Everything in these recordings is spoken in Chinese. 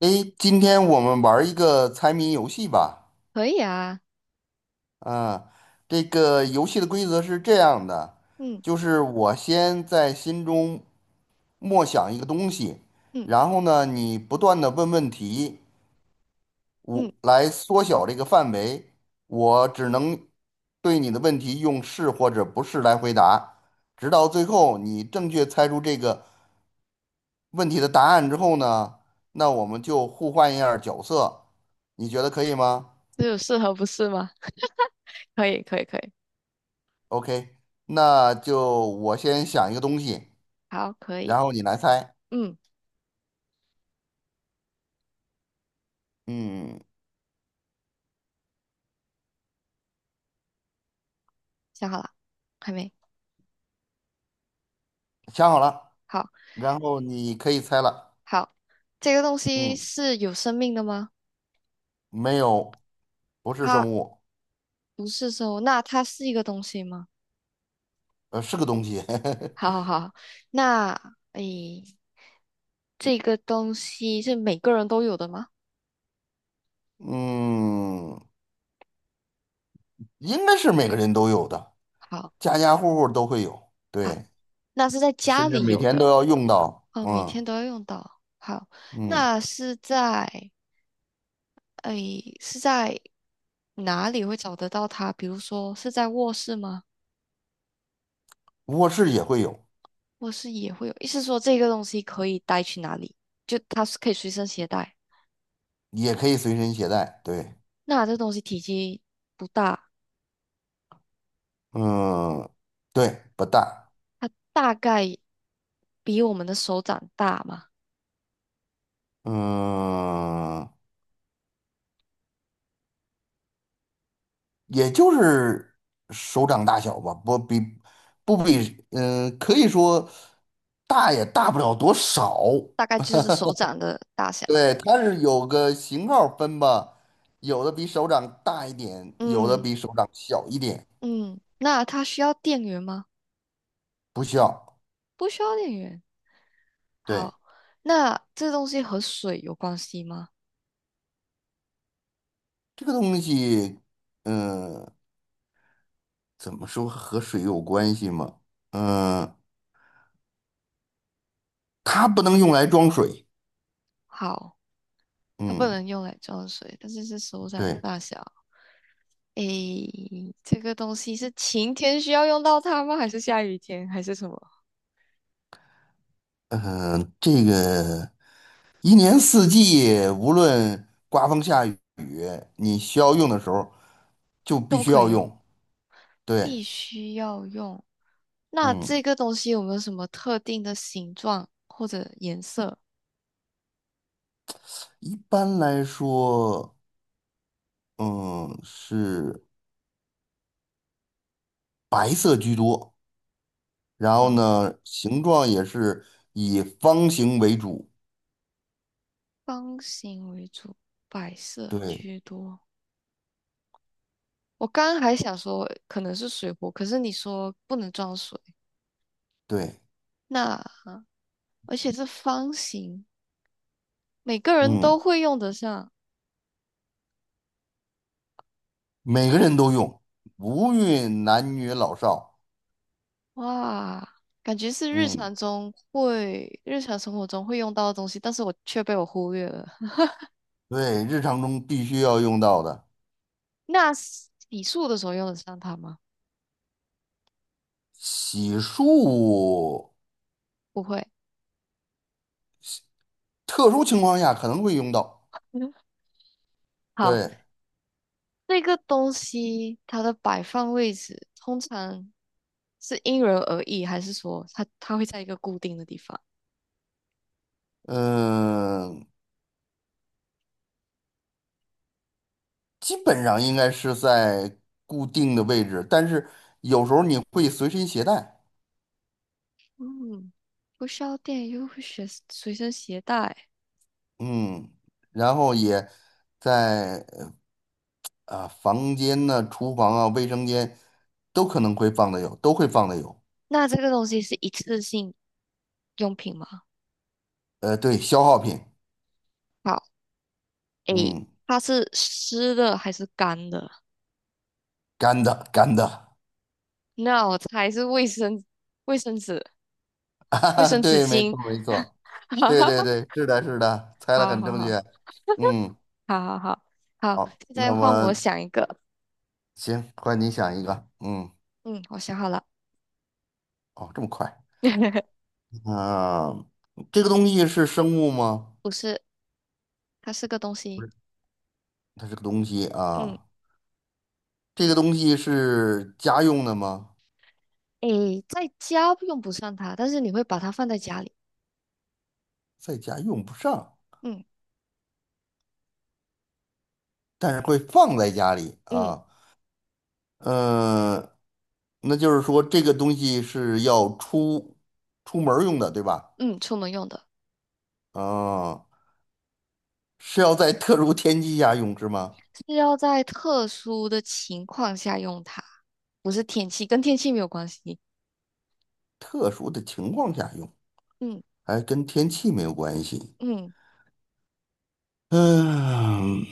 诶，今天我们玩儿一个猜谜游戏吧。可以啊。啊，这个游戏的规则是这样的，嗯就是我先在心中默想一个东西，嗯然后呢，你不断的问问题，嗯，我来缩小这个范围。我只能对你的问题用是或者不是来回答，直到最后你正确猜出这个问题的答案之后呢，那我们就互换一下儿角色，你觉得可以吗？只有适合不是吗？可以可以可以，OK，那就我先想一个东西，好，可以。然后你来猜。嗯，嗯，想好了，还没。想好了，好然后你可以猜了。好，这个东西嗯，是有生命的吗？没有，不是它生物，不是生物，那它是一个东西吗？是个东西。好好 好，那诶，这个东西是每个人都有的吗？嗯，应该是每个人都有的，好家家户户都会有，好，对，那是在家甚至里每有天的。都要用到。哦，每嗯天都要用到。好，嗯，那是在。哎，是在哪里会找得到它？比如说是在卧室吗？卧室也会有，卧室也会有，意思说这个东西可以带去哪里？就它是可以随身携带。也可以随身携带。对，那这东西体积不大，嗯，对，不大。它大概比我们的手掌大嘛，嗯，也就是手掌大小吧，不比，可以说大也大不了多少。大概就是手掌的大小。对，它是有个型号分吧，有的比手掌大一点，有的嗯比手掌小一点，嗯，那它需要电源吗？不小。不需要电源。对，好，那这东西和水有关系吗？这个东西，嗯、怎么说和水有关系吗？嗯、它不能用来装水。好，它不嗯，能用来装水，但是是手掌的对，大小。诶，这个东西是晴天需要用到它吗？还是下雨天？还是什么？嗯、这个。一年四季，无论刮风下雨，你需要用的时候就必都须可要以用，用。对，必须要用。那嗯，这个东西有没有什么特定的形状或者颜色？一般来说，嗯，是白色居多，然后好，呢，形状也是以方形为主。方形为主，白色对居多。我刚刚还想说可能是水壶，可是你说不能装水，对，那而且是方形，每个人嗯，都会用得上。每个人都用，无论男女老少。哇，感觉是日嗯，常中会，日常生活中会用到的东西，但是我却被我忽略了。对，日常中必须要用到的，那洗漱的时候用得上它吗？洗漱，不会。特殊情况下可能会用到。嗯，好，对，这个东西它的摆放位置通常是因人而异，还是说它会在一个固定的地方？嗯，基本上应该是在固定的位置，但是有时候你会随身携 带，嗯，不需要电又会随随身携带。嗯，然后也在啊房间呢、厨房啊、卫生间都可能会放的有，都会放的有。那这个东西是一次性用品吗？对，消耗品，好，诶，嗯，它是湿的还是干的？干的，那我猜是卫生、卫生纸、卫啊生纸对，没巾。错没错，哈对哈对哈，对，是的是的，猜的好很好正好，确，嗯，好好好好，好，现那在换么我想一个。行，换你想一个，嗯，嗯，我想好了。哦，这么快。啊，这个东西是生物吗？不是，它是个东不西。是，它是个东西嗯，啊。这个东西是家用的吗？诶，在家用不上它，但是你会把它放在家里。在家用不上，嗯但是会放在家里嗯啊。嗯、那就是说这个东西是要出门儿用的，对吧？嗯，出门用的。啊，是要在特殊天气下用是吗？是要在特殊的情况下用它，不是天气，跟天气没有关系。特殊的情况下用，嗯还跟天气没有关系。嗯，嗯，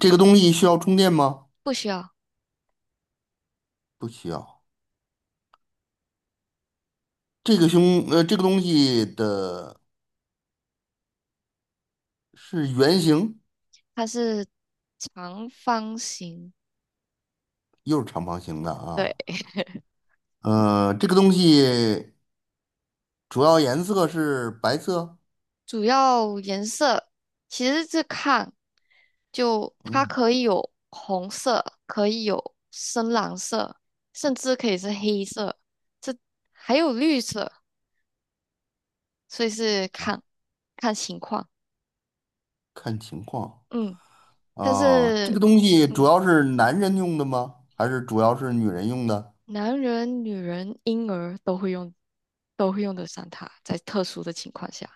这个东西需要充电吗？不需要，不需要。这个胸呃这个东西的是圆形，它是长方形，又是长方形的啊。对，这个东西主要颜色是白色，主要颜色其实是看，就它嗯，可以有红色，可以有深蓝色，甚至可以是黑色，这还有绿色，所以是看看情况。看情况嗯，但啊。这是。个东西主嗯。要是男人用的吗？还是主要是女人用的？男人、女人、婴儿都会用，都会用得上它，在特殊的情况下，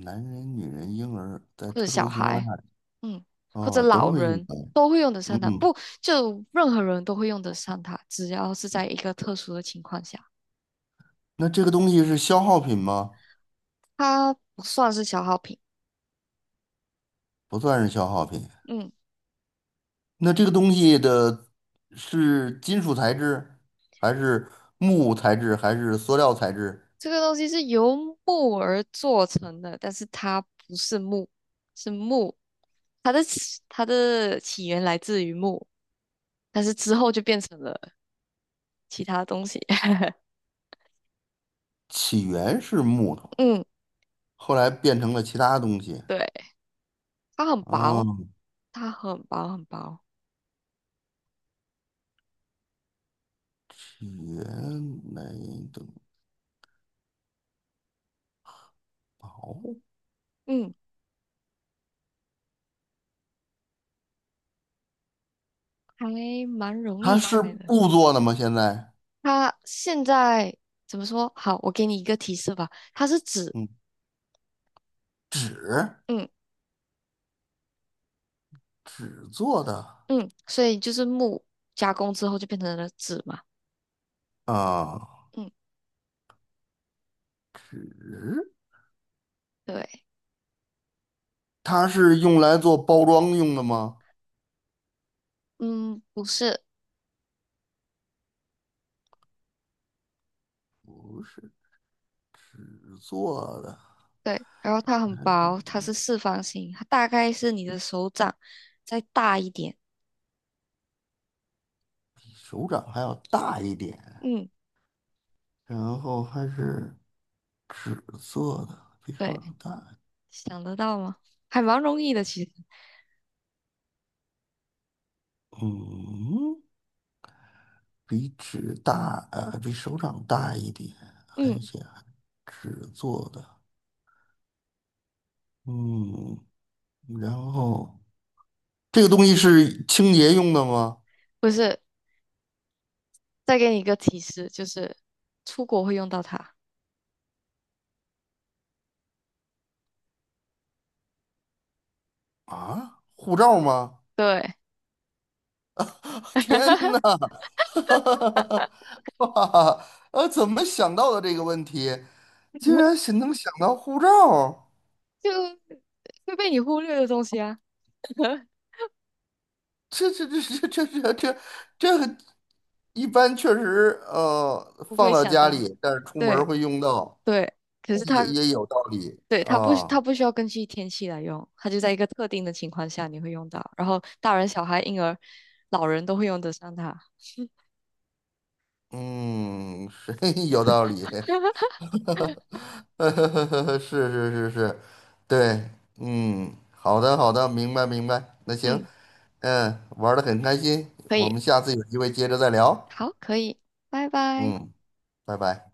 男人、女人、婴儿，在或者特小殊情况孩，下，嗯，或者哦，都老会用人到。都会用得上它。嗯，不，就任何人都会用得上它，只要是在一个特殊的情况下，那这个东西是消耗品吗？它不算是消耗品。不算是消耗品。嗯，那这个东西的是金属材质，还是木材质，还是塑料材质？这个东西是由木而做成的，但是它不是木，是木，它的起源来自于木，但是之后就变成了其他东西。起源是木头，嗯。后来变成了其他东西。对。它很薄，嗯，它很薄很薄，起源来等薄，嗯，还蛮容它易是猜的。布做的吗？现在，它现在怎么说？好，我给你一个提示吧，它是纸。嗯，纸，嗯纸做的嗯，所以就是木加工之后就变成了纸嘛。啊，嗯，纸，对。它是用来做包装用的吗？嗯，不是，纸做的，对，然后它很薄，它是四方形，它大概是你的手掌再大一点。比手掌还要大一点，嗯，然后还是。纸做的，比手对，掌大，想得到吗？还蛮容易的，其实。嗯，比纸大，比手掌大一点，还嗯，显纸做的，嗯，然后这个东西是清洁用的吗？不是，再给你一个提示，就是出国会用到它。啊，护照吗？对，天哪！哇，怎么想到的这个问题？竟然是能想到护照？就会被你忽略的东西啊，这这这这这这这这个一般确实，不放会到想家到。里，但是出门儿对会用到，对，可是也它也有道理对它不它啊。不需要根据天气来用，它就在一个特定的情况下你会用到，然后大人、小孩、婴儿、老人都会用得上它。嗯，是 有道理，是，对，嗯，好的好的，明白明白。那行，嗯，嗯，玩的很开心，可我以，们下次有机会接着再聊。好，可以，拜拜。嗯，拜拜。